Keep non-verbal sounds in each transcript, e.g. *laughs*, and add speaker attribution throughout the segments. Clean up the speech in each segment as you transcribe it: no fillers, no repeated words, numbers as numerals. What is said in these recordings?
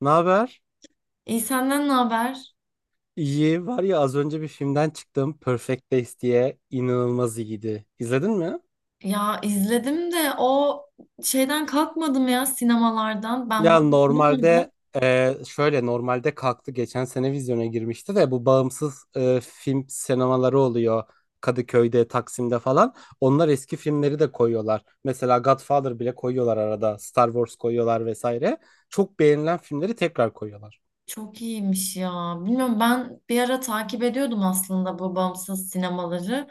Speaker 1: Ne haber?
Speaker 2: İyi senden ne haber?
Speaker 1: İyi. Var ya az önce bir filmden çıktım. Perfect Days diye inanılmaz iyiydi. İzledin mi?
Speaker 2: Ya izledim de o şeyden kalkmadım ya sinemalardan. Ben bu
Speaker 1: Ya
Speaker 2: bulamadım.
Speaker 1: normalde Şöyle normalde kalktı geçen sene vizyona girmişti de bu bağımsız film sinemaları oluyor. Kadıköy'de, Taksim'de falan. Onlar eski filmleri de koyuyorlar. Mesela Godfather bile koyuyorlar arada. Star Wars koyuyorlar vesaire. Çok beğenilen filmleri tekrar koyuyorlar.
Speaker 2: Çok iyiymiş ya. Bilmiyorum ben bir ara takip ediyordum aslında bu bağımsız sinemaları.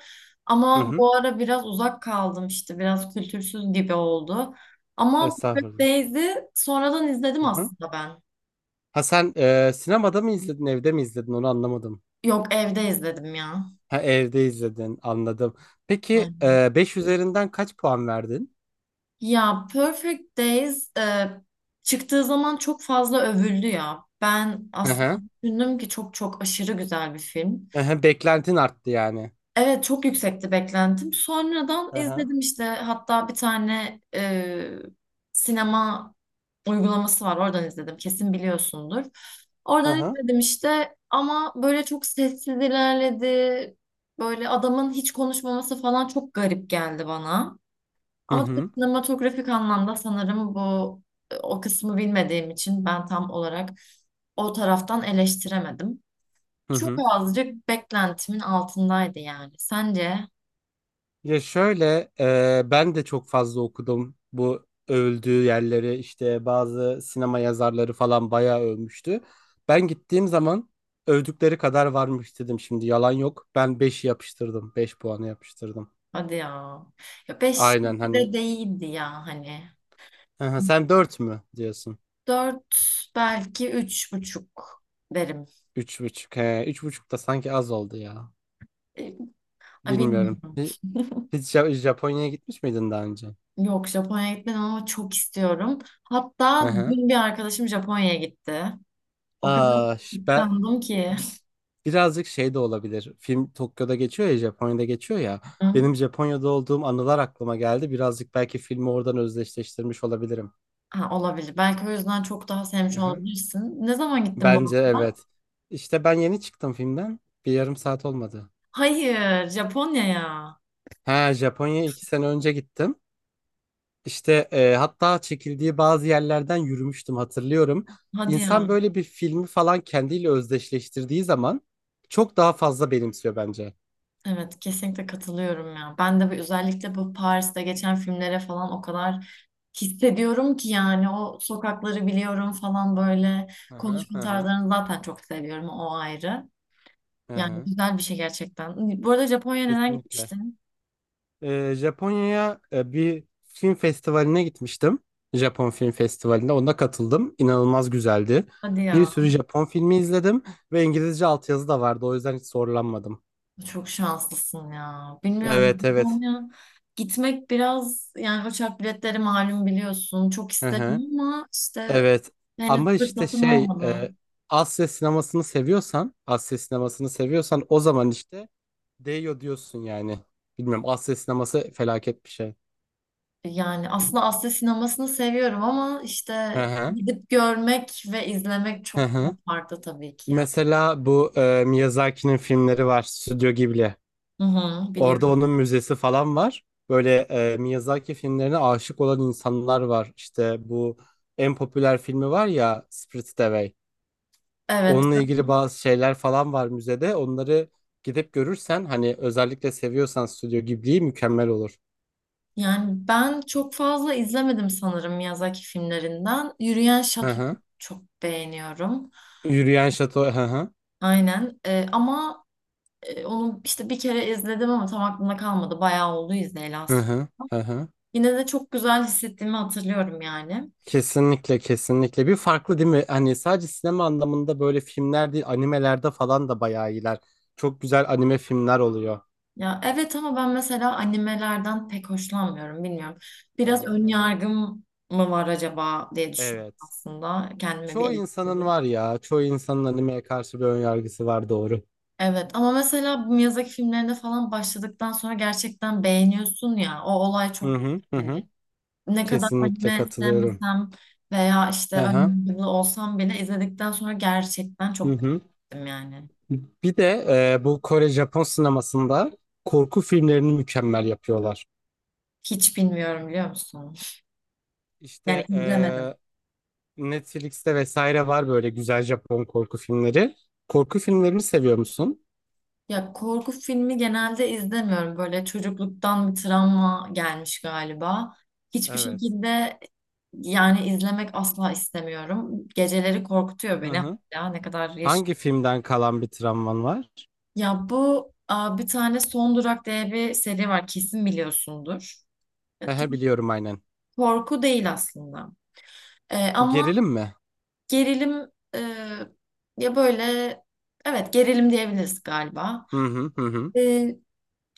Speaker 1: Hı
Speaker 2: Ama
Speaker 1: hı.
Speaker 2: bu ara biraz uzak kaldım işte biraz kültürsüz gibi oldu. Ama Perfect
Speaker 1: Estağfurullah.
Speaker 2: Days'i sonradan izledim
Speaker 1: Hı hı.
Speaker 2: aslında ben.
Speaker 1: Ha sen sinemada mı izledin, evde mi izledin onu anlamadım.
Speaker 2: Yok evde izledim ya.
Speaker 1: Ha, evde izledin anladım. Peki 5 üzerinden kaç puan verdin?
Speaker 2: Ya Perfect Days çıktığı zaman çok fazla övüldü ya. Ben
Speaker 1: Hı
Speaker 2: aslında
Speaker 1: hı.
Speaker 2: düşündüm ki çok çok aşırı güzel bir film.
Speaker 1: Hı hı, beklentin arttı yani.
Speaker 2: Evet çok yüksekti beklentim. Sonradan
Speaker 1: Hı hı.
Speaker 2: izledim işte hatta bir tane sinema uygulaması var oradan izledim kesin biliyorsundur.
Speaker 1: Hı
Speaker 2: Oradan
Speaker 1: hı.
Speaker 2: izledim işte ama böyle çok sessiz ilerledi. Böyle adamın hiç konuşmaması falan çok garip geldi bana.
Speaker 1: Hı
Speaker 2: Ama tabii
Speaker 1: hı.
Speaker 2: sinematografik anlamda sanırım bu o kısmı bilmediğim için ben tam olarak o taraftan eleştiremedim.
Speaker 1: Hı
Speaker 2: Çok
Speaker 1: hı.
Speaker 2: azıcık beklentimin altındaydı yani. Sence?
Speaker 1: Ya şöyle ben de çok fazla okudum bu övüldüğü yerleri işte bazı sinema yazarları falan bayağı övmüştü. Ben gittiğim zaman övdükleri kadar varmış dedim şimdi yalan yok. Ben 5'i yapıştırdım 5 puanı yapıştırdım.
Speaker 2: Hadi ya. Ya 5
Speaker 1: Aynen
Speaker 2: gibi
Speaker 1: hani.
Speaker 2: de değildi ya hani.
Speaker 1: Hı hı, sen 4 mü diyorsun?
Speaker 2: 4 belki 3,5 derim.
Speaker 1: Üç buçuk. He, 3,5 da sanki az oldu ya.
Speaker 2: E, Ay
Speaker 1: Bilmiyorum.
Speaker 2: bilmiyorum.
Speaker 1: Hiç Japonya'ya gitmiş miydin daha önce?
Speaker 2: Yok Japonya'ya gitmedim ama çok istiyorum.
Speaker 1: Hı
Speaker 2: Hatta
Speaker 1: hı.
Speaker 2: dün bir arkadaşım Japonya'ya gitti. O kadar
Speaker 1: Aa, ben
Speaker 2: kıskandım ki.
Speaker 1: birazcık şey de olabilir. Film Tokyo'da geçiyor ya, Japonya'da geçiyor ya. Benim
Speaker 2: *laughs*
Speaker 1: Japonya'da olduğum anılar aklıma geldi. Birazcık belki filmi oradan özdeşleştirmiş olabilirim.
Speaker 2: Ha, olabilir. Belki o yüzden çok daha sevmiş
Speaker 1: Hı hı.
Speaker 2: olabilirsin. Ne zaman gittin bu
Speaker 1: Bence
Speaker 2: hafta?
Speaker 1: evet. İşte ben yeni çıktım filmden. Bir yarım saat olmadı.
Speaker 2: Hayır, Japonya'ya.
Speaker 1: Ha, Japonya'ya 2 sene önce gittim. İşte hatta çekildiği bazı yerlerden yürümüştüm hatırlıyorum.
Speaker 2: Hadi ya.
Speaker 1: İnsan böyle bir filmi falan kendiyle özdeşleştirdiği zaman çok daha fazla benimsiyor bence.
Speaker 2: Evet, kesinlikle katılıyorum ya. Ben de bu, özellikle bu Paris'te geçen filmlere falan o kadar hissediyorum ki yani o sokakları biliyorum falan böyle
Speaker 1: Hı hı
Speaker 2: konuşma
Speaker 1: hı hı.
Speaker 2: tarzlarını zaten çok seviyorum o ayrı.
Speaker 1: Hı
Speaker 2: Yani
Speaker 1: hı.
Speaker 2: güzel bir şey gerçekten. Bu arada Japonya'ya neden
Speaker 1: Kesinlikle.
Speaker 2: gitmiştin?
Speaker 1: Japonya'ya bir film festivaline gitmiştim. Japon Film Festivali'ne ona katıldım. İnanılmaz güzeldi.
Speaker 2: Hadi
Speaker 1: Bir
Speaker 2: ya.
Speaker 1: sürü Japon filmi izledim ve İngilizce altyazı da vardı. O yüzden hiç zorlanmadım.
Speaker 2: Çok şanslısın ya. Bilmiyorum.
Speaker 1: Evet evet.
Speaker 2: Japonya gitmek biraz yani uçak biletleri malum biliyorsun. Çok
Speaker 1: Hı hı.
Speaker 2: isterim ama işte
Speaker 1: Evet
Speaker 2: henüz
Speaker 1: ama işte
Speaker 2: fırsatım
Speaker 1: şey
Speaker 2: olmadı.
Speaker 1: Asya sinemasını seviyorsan o zaman işte değiyor diyorsun yani. Bilmiyorum Asya sineması felaket bir şey.
Speaker 2: Yani aslında Asya sinemasını seviyorum ama
Speaker 1: Hı
Speaker 2: işte
Speaker 1: hı.
Speaker 2: gidip görmek ve izlemek
Speaker 1: Hı
Speaker 2: çok daha
Speaker 1: hı.
Speaker 2: farklı tabii ki ya.
Speaker 1: Mesela bu Miyazaki'nin filmleri var Stüdyo Ghibli.
Speaker 2: Hı hı, biliyorum.
Speaker 1: Orada onun müzesi falan var. Böyle Miyazaki filmlerine aşık olan insanlar var. İşte bu en popüler filmi var ya Spirited Away.
Speaker 2: Evet.
Speaker 1: Onunla ilgili bazı şeyler falan var müzede. Onları gidip görürsen hani özellikle seviyorsan Stüdyo Ghibli'yi mükemmel olur.
Speaker 2: Yani ben çok fazla izlemedim sanırım Miyazaki filmlerinden. Yürüyen
Speaker 1: Hı
Speaker 2: Şato'yu
Speaker 1: hı.
Speaker 2: çok beğeniyorum.
Speaker 1: Yürüyen Şato. Hı hı.
Speaker 2: Aynen. Ama onu işte bir kere izledim ama tam aklımda kalmadı. Bayağı oldu izleyeli
Speaker 1: Hı
Speaker 2: aslında.
Speaker 1: hı. Hı hı.
Speaker 2: Yine de çok güzel hissettiğimi hatırlıyorum yani.
Speaker 1: Kesinlikle kesinlikle bir farklı değil mi? Hani sadece sinema anlamında böyle filmler değil animelerde falan da bayağı iyiler. Çok güzel anime filmler oluyor.
Speaker 2: Ya evet ama ben mesela animelerden pek hoşlanmıyorum bilmiyorum.
Speaker 1: Hı
Speaker 2: Biraz
Speaker 1: hı
Speaker 2: ön
Speaker 1: hı. Hı.
Speaker 2: yargım mı var acaba diye düşündüm
Speaker 1: Evet.
Speaker 2: aslında. Kendime bir
Speaker 1: Çoğu insanın
Speaker 2: eleştiri.
Speaker 1: var ya. Çoğu insanın animeye karşı bir önyargısı var doğru.
Speaker 2: Evet ama mesela bu Miyazaki filmlerinde falan başladıktan sonra gerçekten beğeniyorsun ya. O olay çok
Speaker 1: Hı hı hı. Hı.
Speaker 2: hani ne kadar
Speaker 1: Kesinlikle
Speaker 2: anime
Speaker 1: katılıyorum.
Speaker 2: sevmesem veya işte
Speaker 1: Hı hı.
Speaker 2: önyargılı olsam bile izledikten sonra gerçekten
Speaker 1: Hı
Speaker 2: çok
Speaker 1: hı.
Speaker 2: beğendim yani.
Speaker 1: Bir de bu Kore Japon sinemasında korku filmlerini mükemmel yapıyorlar.
Speaker 2: Hiç bilmiyorum biliyor musun?
Speaker 1: İşte
Speaker 2: Yani izlemedim.
Speaker 1: Netflix'te vesaire var böyle güzel Japon korku filmleri. Korku filmlerini seviyor musun?
Speaker 2: Ya korku filmi genelde izlemiyorum. Böyle çocukluktan bir travma gelmiş galiba. Hiçbir
Speaker 1: Evet.
Speaker 2: şekilde yani izlemek asla istemiyorum. Geceleri korkutuyor
Speaker 1: Hı
Speaker 2: beni
Speaker 1: hı.
Speaker 2: hala ne kadar yaşım.
Speaker 1: Hangi filmden kalan bir travman var?
Speaker 2: Ya bu aa, bir tane Son Durak diye bir seri var kesin biliyorsundur. E,
Speaker 1: He
Speaker 2: tam
Speaker 1: he, biliyorum aynen.
Speaker 2: korku değil aslında. Ama
Speaker 1: Gerilim mi?
Speaker 2: gerilim e, ya böyle evet gerilim diyebiliriz galiba.
Speaker 1: Hı hı hı hı.
Speaker 2: E,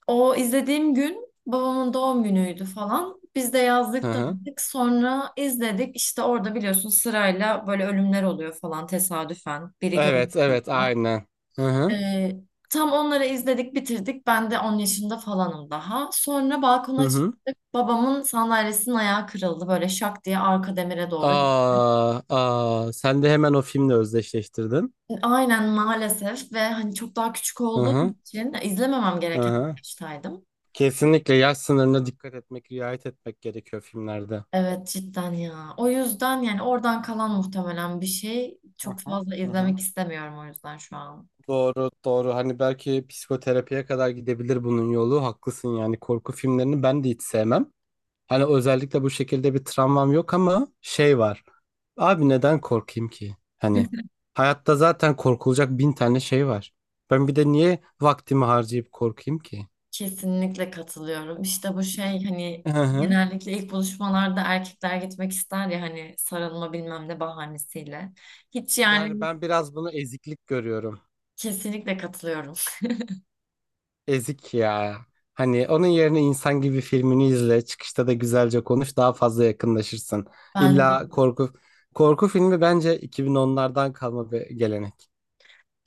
Speaker 2: o izlediğim gün babamın doğum günüydü falan. Biz de
Speaker 1: Hı
Speaker 2: yazdık
Speaker 1: hı.
Speaker 2: tanıdık. Sonra izledik. İşte orada biliyorsun sırayla böyle ölümler oluyor falan tesadüfen. Biri görmüş
Speaker 1: Evet evet
Speaker 2: oluyor.
Speaker 1: aynen. Hı hı
Speaker 2: E, tam onları izledik bitirdik. Ben de 10 yaşında falanım daha. Sonra
Speaker 1: hı
Speaker 2: balkona
Speaker 1: hı.
Speaker 2: çıktık. Babamın sandalyesinin ayağı kırıldı. Böyle şak diye arka demire doğru
Speaker 1: Aa, aa, sen de hemen o filmle özdeşleştirdin.
Speaker 2: aynen maalesef ve hani çok daha küçük
Speaker 1: Hı
Speaker 2: olduğum
Speaker 1: hı
Speaker 2: için izlememem
Speaker 1: hı
Speaker 2: gereken bir
Speaker 1: hı.
Speaker 2: yaştaydım.
Speaker 1: Kesinlikle yaş sınırına dikkat etmek, riayet etmek gerekiyor filmlerde.
Speaker 2: Evet cidden ya. O yüzden yani oradan kalan muhtemelen bir şey.
Speaker 1: Hı
Speaker 2: Çok
Speaker 1: hı.
Speaker 2: fazla
Speaker 1: Hı hı.
Speaker 2: izlemek istemiyorum o yüzden şu an.
Speaker 1: Doğru, doğru. Hani belki psikoterapiye kadar gidebilir bunun yolu. Haklısın yani korku filmlerini ben de hiç sevmem. Hani özellikle bu şekilde bir travmam yok ama şey var. Abi neden korkayım ki? Hani hayatta zaten korkulacak bin tane şey var. Ben bir de niye vaktimi harcayıp korkayım ki?
Speaker 2: Kesinlikle katılıyorum. İşte bu şey hani
Speaker 1: Hı hı.
Speaker 2: genellikle ilk buluşmalarda erkekler gitmek ister ya hani sarılma bilmem ne bahanesiyle. Hiç
Speaker 1: Yani
Speaker 2: yani
Speaker 1: ben biraz bunu eziklik görüyorum.
Speaker 2: kesinlikle katılıyorum.
Speaker 1: Ezik ya. Hani onun yerine insan gibi filmini izle. Çıkışta da güzelce konuş. Daha fazla yakınlaşırsın.
Speaker 2: Bence
Speaker 1: İlla
Speaker 2: de.
Speaker 1: korku filmi bence 2010'lardan kalma bir gelenek.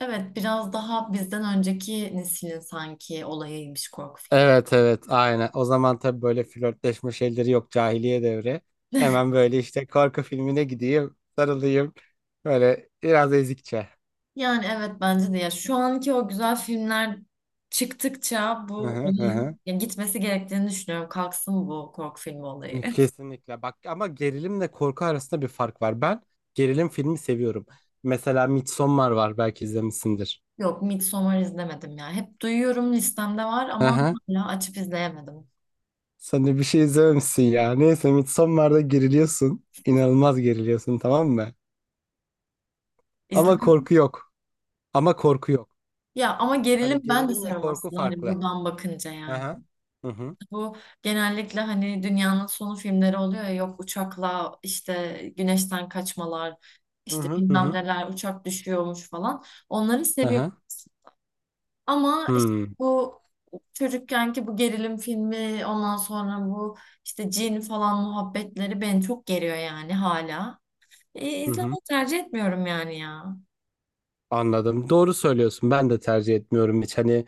Speaker 2: Evet biraz daha bizden önceki neslin sanki olayıymış korku filmi.
Speaker 1: Evet evet aynen. O zaman tabii böyle flörtleşme şeyleri yok cahiliye devri. Hemen böyle işte korku filmine gideyim, sarılayım. Böyle biraz ezikçe.
Speaker 2: Yani evet bence de ya şu anki o güzel filmler çıktıkça
Speaker 1: Hı
Speaker 2: bu
Speaker 1: hı hı. Hı.
Speaker 2: olayın ya gitmesi gerektiğini düşünüyorum. Kalksın bu korku filmi olayı. *laughs*
Speaker 1: Kesinlikle. Bak ama gerilimle korku arasında bir fark var. Ben gerilim filmi seviyorum. Mesela Midsommar var belki izlemişsindir.
Speaker 2: Yok Midsommar izlemedim ya. Hep duyuyorum listemde var ama
Speaker 1: Aha.
Speaker 2: hala açıp izleyemedim.
Speaker 1: Sen de bir şey izlememişsin ya. Neyse Midsommar'da geriliyorsun. İnanılmaz geriliyorsun tamam mı? Ama
Speaker 2: İzlemedim.
Speaker 1: korku yok. Ama korku yok.
Speaker 2: Ya ama gerilim
Speaker 1: Hani
Speaker 2: ben de
Speaker 1: gerilimle
Speaker 2: seviyorum
Speaker 1: korku
Speaker 2: aslında hani
Speaker 1: farklı.
Speaker 2: buradan bakınca yani.
Speaker 1: Aha. Hı hı.
Speaker 2: Bu genellikle hani dünyanın sonu filmleri oluyor ya yok uçakla işte güneşten kaçmalar
Speaker 1: Hı
Speaker 2: işte
Speaker 1: hı. Hı
Speaker 2: bilmem
Speaker 1: hı.
Speaker 2: neler uçak düşüyormuş falan. Onları seviyorum.
Speaker 1: Aha.
Speaker 2: Ama işte
Speaker 1: Hı.
Speaker 2: bu çocukkenki bu gerilim filmi ondan sonra bu işte cin falan muhabbetleri beni çok geriyor yani hala.
Speaker 1: Hı hı.
Speaker 2: İzlemeyi tercih etmiyorum yani ya.
Speaker 1: Anladım. Doğru söylüyorsun. Ben de tercih etmiyorum hiç. Hani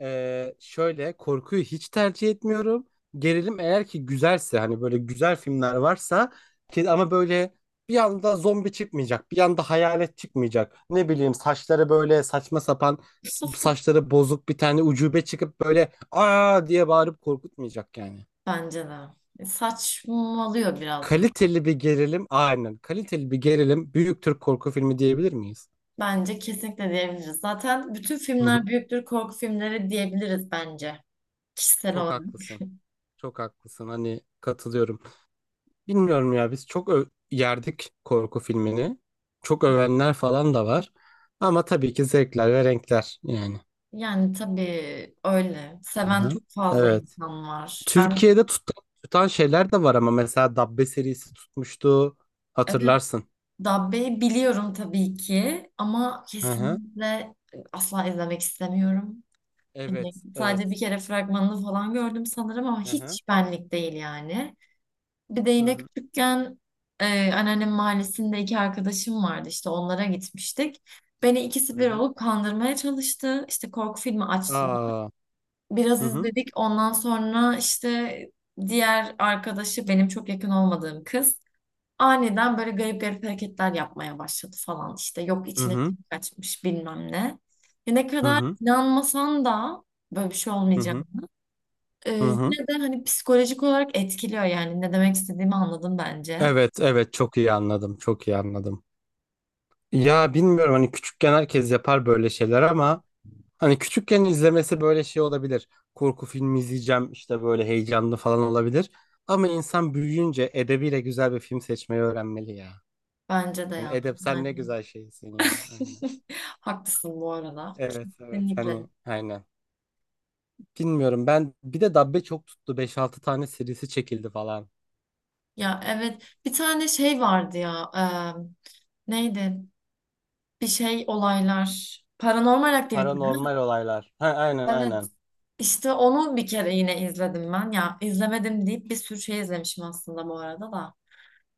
Speaker 1: Şöyle korkuyu hiç tercih etmiyorum. Gerilim eğer ki güzelse hani böyle güzel filmler varsa ki ama böyle bir anda zombi çıkmayacak, bir anda hayalet çıkmayacak. Ne bileyim saçları böyle saçma sapan saçları bozuk bir tane ucube çıkıp böyle aa diye bağırıp korkutmayacak yani.
Speaker 2: Bence de. E, saçmalıyor biraz.
Speaker 1: Kaliteli bir gerilim aynen kaliteli bir gerilim büyük Türk korku filmi diyebilir miyiz?
Speaker 2: Bence kesinlikle diyebiliriz. Zaten bütün
Speaker 1: Hı
Speaker 2: filmler
Speaker 1: hı.
Speaker 2: büyüktür korku filmleri diyebiliriz bence. Kişisel
Speaker 1: Çok
Speaker 2: olarak.
Speaker 1: haklısın. Çok haklısın. Hani katılıyorum. Bilmiyorum ya biz çok yerdik korku filmini. Çok övenler falan da var. Ama tabii ki zevkler ve renkler yani.
Speaker 2: Yani tabii öyle. Seven
Speaker 1: Aha.
Speaker 2: çok fazla
Speaker 1: Evet.
Speaker 2: insan var. Ben
Speaker 1: Türkiye'de tutan şeyler de var ama mesela Dabbe serisi tutmuştu.
Speaker 2: evet
Speaker 1: Hatırlarsın.
Speaker 2: Dabbe'yi biliyorum tabii ki ama
Speaker 1: Aha.
Speaker 2: kesinlikle asla izlemek istemiyorum. Hani
Speaker 1: Evet,
Speaker 2: sadece
Speaker 1: evet.
Speaker 2: bir kere fragmanını falan gördüm sanırım ama
Speaker 1: Aha.
Speaker 2: hiç benlik değil yani. Bir de
Speaker 1: Hı
Speaker 2: yine
Speaker 1: hı.
Speaker 2: küçükken anneannem mahallesinde iki arkadaşım vardı işte onlara gitmiştik. Beni ikisi
Speaker 1: Hı
Speaker 2: bir
Speaker 1: hı.
Speaker 2: olup kandırmaya çalıştı. İşte korku filmi açtılar.
Speaker 1: Aa. Hı
Speaker 2: Biraz
Speaker 1: hı.
Speaker 2: izledik ondan sonra işte diğer arkadaşı benim çok yakın olmadığım kız. Aniden böyle garip garip hareketler yapmaya başladı falan işte. Yok
Speaker 1: Hı
Speaker 2: içine
Speaker 1: hı.
Speaker 2: kim kaçmış bilmem ne. Ya ne
Speaker 1: Hı
Speaker 2: kadar
Speaker 1: hı.
Speaker 2: inanmasan da böyle bir şey
Speaker 1: Hı
Speaker 2: olmayacak.
Speaker 1: hı.
Speaker 2: Ee,
Speaker 1: Hı hı.
Speaker 2: yine de hani psikolojik olarak etkiliyor yani. Ne demek istediğimi anladın bence.
Speaker 1: Evet, evet çok iyi anladım. Çok iyi anladım. Ya bilmiyorum hani küçükken herkes yapar böyle şeyler ama hani küçükken izlemesi böyle şey olabilir. Korku filmi izleyeceğim işte böyle heyecanlı falan olabilir. Ama insan büyüyünce edebiyle güzel bir film seçmeyi öğrenmeli ya.
Speaker 2: Bence de
Speaker 1: Hani
Speaker 2: ya.
Speaker 1: edep sen ne
Speaker 2: Yani
Speaker 1: güzel şeysin ya. Aynen.
Speaker 2: *laughs* haklısın bu arada.
Speaker 1: Evet evet
Speaker 2: Kesinlikle.
Speaker 1: hani aynen. Bilmiyorum ben bir de Dabbe çok tuttu. 5-6 tane serisi çekildi falan.
Speaker 2: Ya evet bir tane şey vardı ya. Neydi? Bir şey olaylar. Paranormal aktivite.
Speaker 1: Paranormal olaylar. Ha, aynen
Speaker 2: Evet.
Speaker 1: aynen.
Speaker 2: İşte onu bir kere yine izledim ben. Ya izlemedim deyip bir sürü şey izlemişim aslında bu arada da.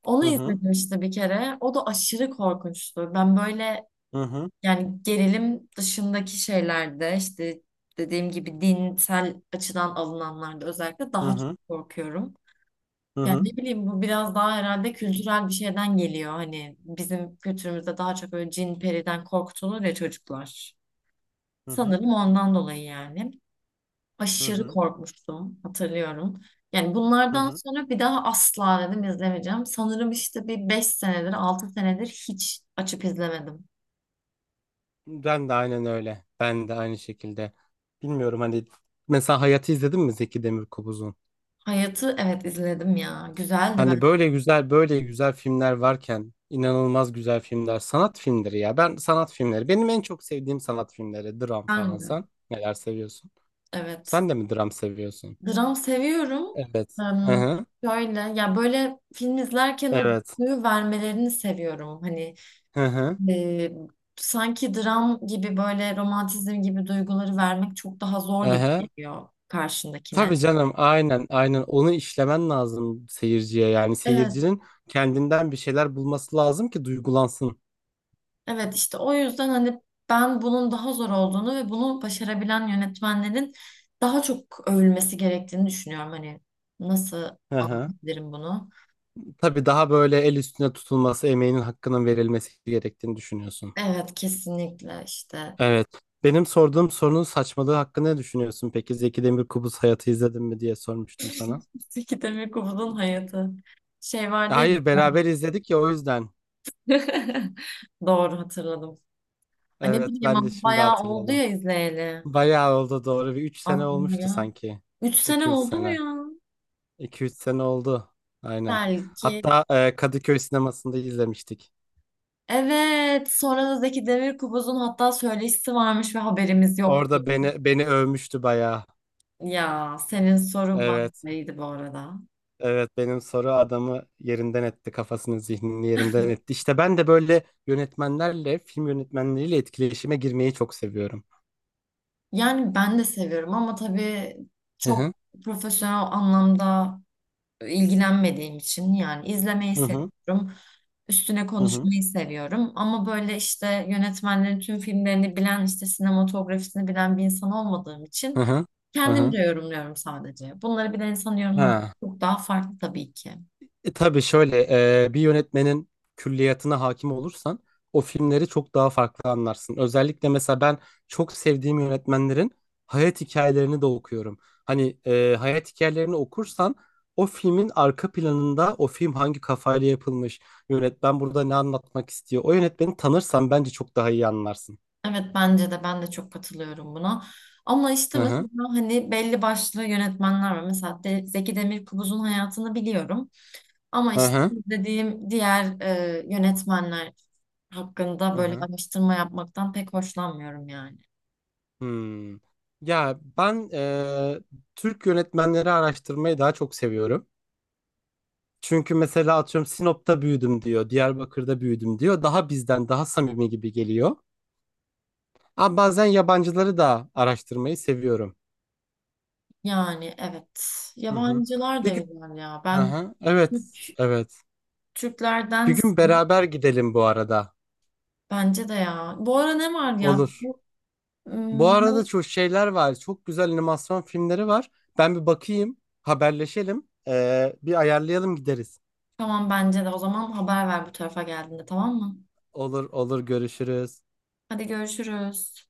Speaker 2: Onu
Speaker 1: Hı hı.
Speaker 2: izledim işte bir kere. O da aşırı korkunçtu. Ben böyle
Speaker 1: Hı hı.
Speaker 2: yani gerilim dışındaki şeylerde işte dediğim gibi dinsel açıdan alınanlarda özellikle
Speaker 1: Hı
Speaker 2: daha çok
Speaker 1: hı.
Speaker 2: korkuyorum.
Speaker 1: Hı
Speaker 2: Yani
Speaker 1: hı.
Speaker 2: ne bileyim bu biraz daha herhalde kültürel bir şeyden geliyor. Hani bizim kültürümüzde daha çok böyle cin periden korkutulur ya çocuklar.
Speaker 1: Hı hı.
Speaker 2: Sanırım ondan dolayı yani.
Speaker 1: Hı
Speaker 2: Aşırı
Speaker 1: hı.
Speaker 2: korkmuştum hatırlıyorum. Yani
Speaker 1: Hı
Speaker 2: bunlardan
Speaker 1: hı.
Speaker 2: sonra bir daha asla dedim izlemeyeceğim. Sanırım işte bir 5 senedir 6 senedir hiç açıp izlemedim.
Speaker 1: Ben de aynen öyle. Ben de aynı şekilde. Bilmiyorum hani mesela Hayat'ı izledin mi Zeki Demirkubuz'un?
Speaker 2: Hayat'ı evet izledim ya. Güzeldi
Speaker 1: Hani
Speaker 2: ben.
Speaker 1: böyle güzel böyle güzel filmler varken inanılmaz güzel filmler sanat filmleri ya. Ben sanat filmleri benim en çok sevdiğim sanat filmleri dram falan
Speaker 2: Ben de.
Speaker 1: sen neler seviyorsun?
Speaker 2: Evet.
Speaker 1: Sen de mi dram seviyorsun?
Speaker 2: Dram seviyorum.
Speaker 1: Evet. Hı
Speaker 2: Em,
Speaker 1: hı.
Speaker 2: şöyle ya böyle film izlerken o
Speaker 1: Evet.
Speaker 2: duyu vermelerini seviyorum. Hani
Speaker 1: Hı hı.
Speaker 2: e, sanki dram gibi böyle romantizm gibi duyguları vermek çok daha
Speaker 1: Hı
Speaker 2: zor gibi
Speaker 1: hı.
Speaker 2: geliyor karşındakine.
Speaker 1: Tabii canım aynen aynen onu işlemen lazım seyirciye yani
Speaker 2: Evet,
Speaker 1: seyircinin kendinden bir şeyler bulması lazım ki duygulansın.
Speaker 2: evet işte o yüzden hani ben bunun daha zor olduğunu ve bunu başarabilen yönetmenlerin daha çok övülmesi gerektiğini düşünüyorum. Hani nasıl
Speaker 1: Hı hı.
Speaker 2: anlatabilirim bunu?
Speaker 1: Tabii daha böyle el üstüne tutulması, emeğinin hakkının verilmesi gerektiğini düşünüyorsun.
Speaker 2: Evet kesinlikle işte
Speaker 1: Evet. Benim sorduğum sorunun saçmalığı hakkında ne düşünüyorsun? Peki Zeki Demirkubuz Hayatı izledin mi diye sormuştum sana.
Speaker 2: Zeki Demirkubuz'un hayatı şey vardı ya
Speaker 1: Hayır, beraber izledik ya o yüzden.
Speaker 2: *laughs* doğru hatırladım. Ay ne
Speaker 1: Evet,
Speaker 2: bileyim
Speaker 1: ben de
Speaker 2: ama
Speaker 1: şimdi
Speaker 2: bayağı oldu
Speaker 1: hatırladım.
Speaker 2: ya izleyeli
Speaker 1: Bayağı oldu doğru. Bir 3 sene
Speaker 2: aklıma
Speaker 1: olmuştu
Speaker 2: ya.
Speaker 1: sanki.
Speaker 2: 3 sene
Speaker 1: 2 3
Speaker 2: oldu mu
Speaker 1: sene.
Speaker 2: ya?
Speaker 1: 2 üç sene oldu. Aynen.
Speaker 2: Belki.
Speaker 1: Hatta Kadıköy sinemasında izlemiştik.
Speaker 2: Evet sonra da Zeki Demirkubuz'un hatta söyleşisi varmış ve haberimiz yoktu.
Speaker 1: Orada beni övmüştü bayağı.
Speaker 2: Ya senin soru
Speaker 1: Evet.
Speaker 2: bambaşkaydı bu arada.
Speaker 1: Evet benim soru adamı yerinden etti kafasını zihnini yerinden etti. İşte ben de böyle yönetmenlerle film yönetmenleriyle etkileşime girmeyi çok seviyorum.
Speaker 2: Yani ben de seviyorum ama tabii
Speaker 1: Hı
Speaker 2: çok
Speaker 1: hı
Speaker 2: profesyonel anlamda ilgilenmediğim için yani izlemeyi
Speaker 1: hı hı
Speaker 2: seviyorum. Üstüne
Speaker 1: hı hı
Speaker 2: konuşmayı seviyorum ama böyle işte yönetmenlerin tüm filmlerini bilen işte sinematografisini bilen bir insan olmadığım için
Speaker 1: hı hı. Hı. Hı.
Speaker 2: kendimce yorumluyorum sadece. Bunları bilen insan yorumlaması
Speaker 1: Ha.
Speaker 2: çok daha farklı tabii ki.
Speaker 1: Tabii şöyle bir yönetmenin külliyatına hakim olursan o filmleri çok daha farklı anlarsın. Özellikle mesela ben çok sevdiğim yönetmenlerin hayat hikayelerini de okuyorum. Hani hayat hikayelerini okursan o filmin arka planında o film hangi kafayla yapılmış, yönetmen burada ne anlatmak istiyor. O yönetmeni tanırsan bence çok daha iyi anlarsın.
Speaker 2: Evet bence de ben de çok katılıyorum buna. Ama işte
Speaker 1: Hı hı.
Speaker 2: mesela hani belli başlı yönetmenler var. Mesela de, Zeki Demirkubuz'un hayatını biliyorum. Ama
Speaker 1: Hı
Speaker 2: işte
Speaker 1: hı.
Speaker 2: izlediğim diğer yönetmenler hakkında
Speaker 1: Hı
Speaker 2: böyle
Speaker 1: hı.
Speaker 2: araştırma yapmaktan pek hoşlanmıyorum yani.
Speaker 1: Hmm. Ya ben Türk yönetmenleri araştırmayı daha çok seviyorum. Çünkü mesela atıyorum Sinop'ta büyüdüm diyor, Diyarbakır'da büyüdüm diyor. Daha bizden daha samimi gibi geliyor. Ama bazen yabancıları da araştırmayı seviyorum.
Speaker 2: Yani evet.
Speaker 1: Hı hı.
Speaker 2: Yabancılar
Speaker 1: Bir
Speaker 2: da
Speaker 1: gün,
Speaker 2: güzel ya.
Speaker 1: hı
Speaker 2: Ben
Speaker 1: hı. Evet,
Speaker 2: Türk-
Speaker 1: evet. Bir
Speaker 2: Türklerdense
Speaker 1: gün beraber gidelim bu arada.
Speaker 2: bence de ya. Bu ara ne var ya?
Speaker 1: Olur. Bu
Speaker 2: Im,
Speaker 1: arada çok şeyler var. Çok güzel animasyon filmleri var. Ben bir bakayım, haberleşelim. Bir ayarlayalım gideriz.
Speaker 2: tamam bence de. O zaman haber ver bu tarafa geldiğinde tamam mı?
Speaker 1: Olur, olur. Görüşürüz.
Speaker 2: Hadi görüşürüz.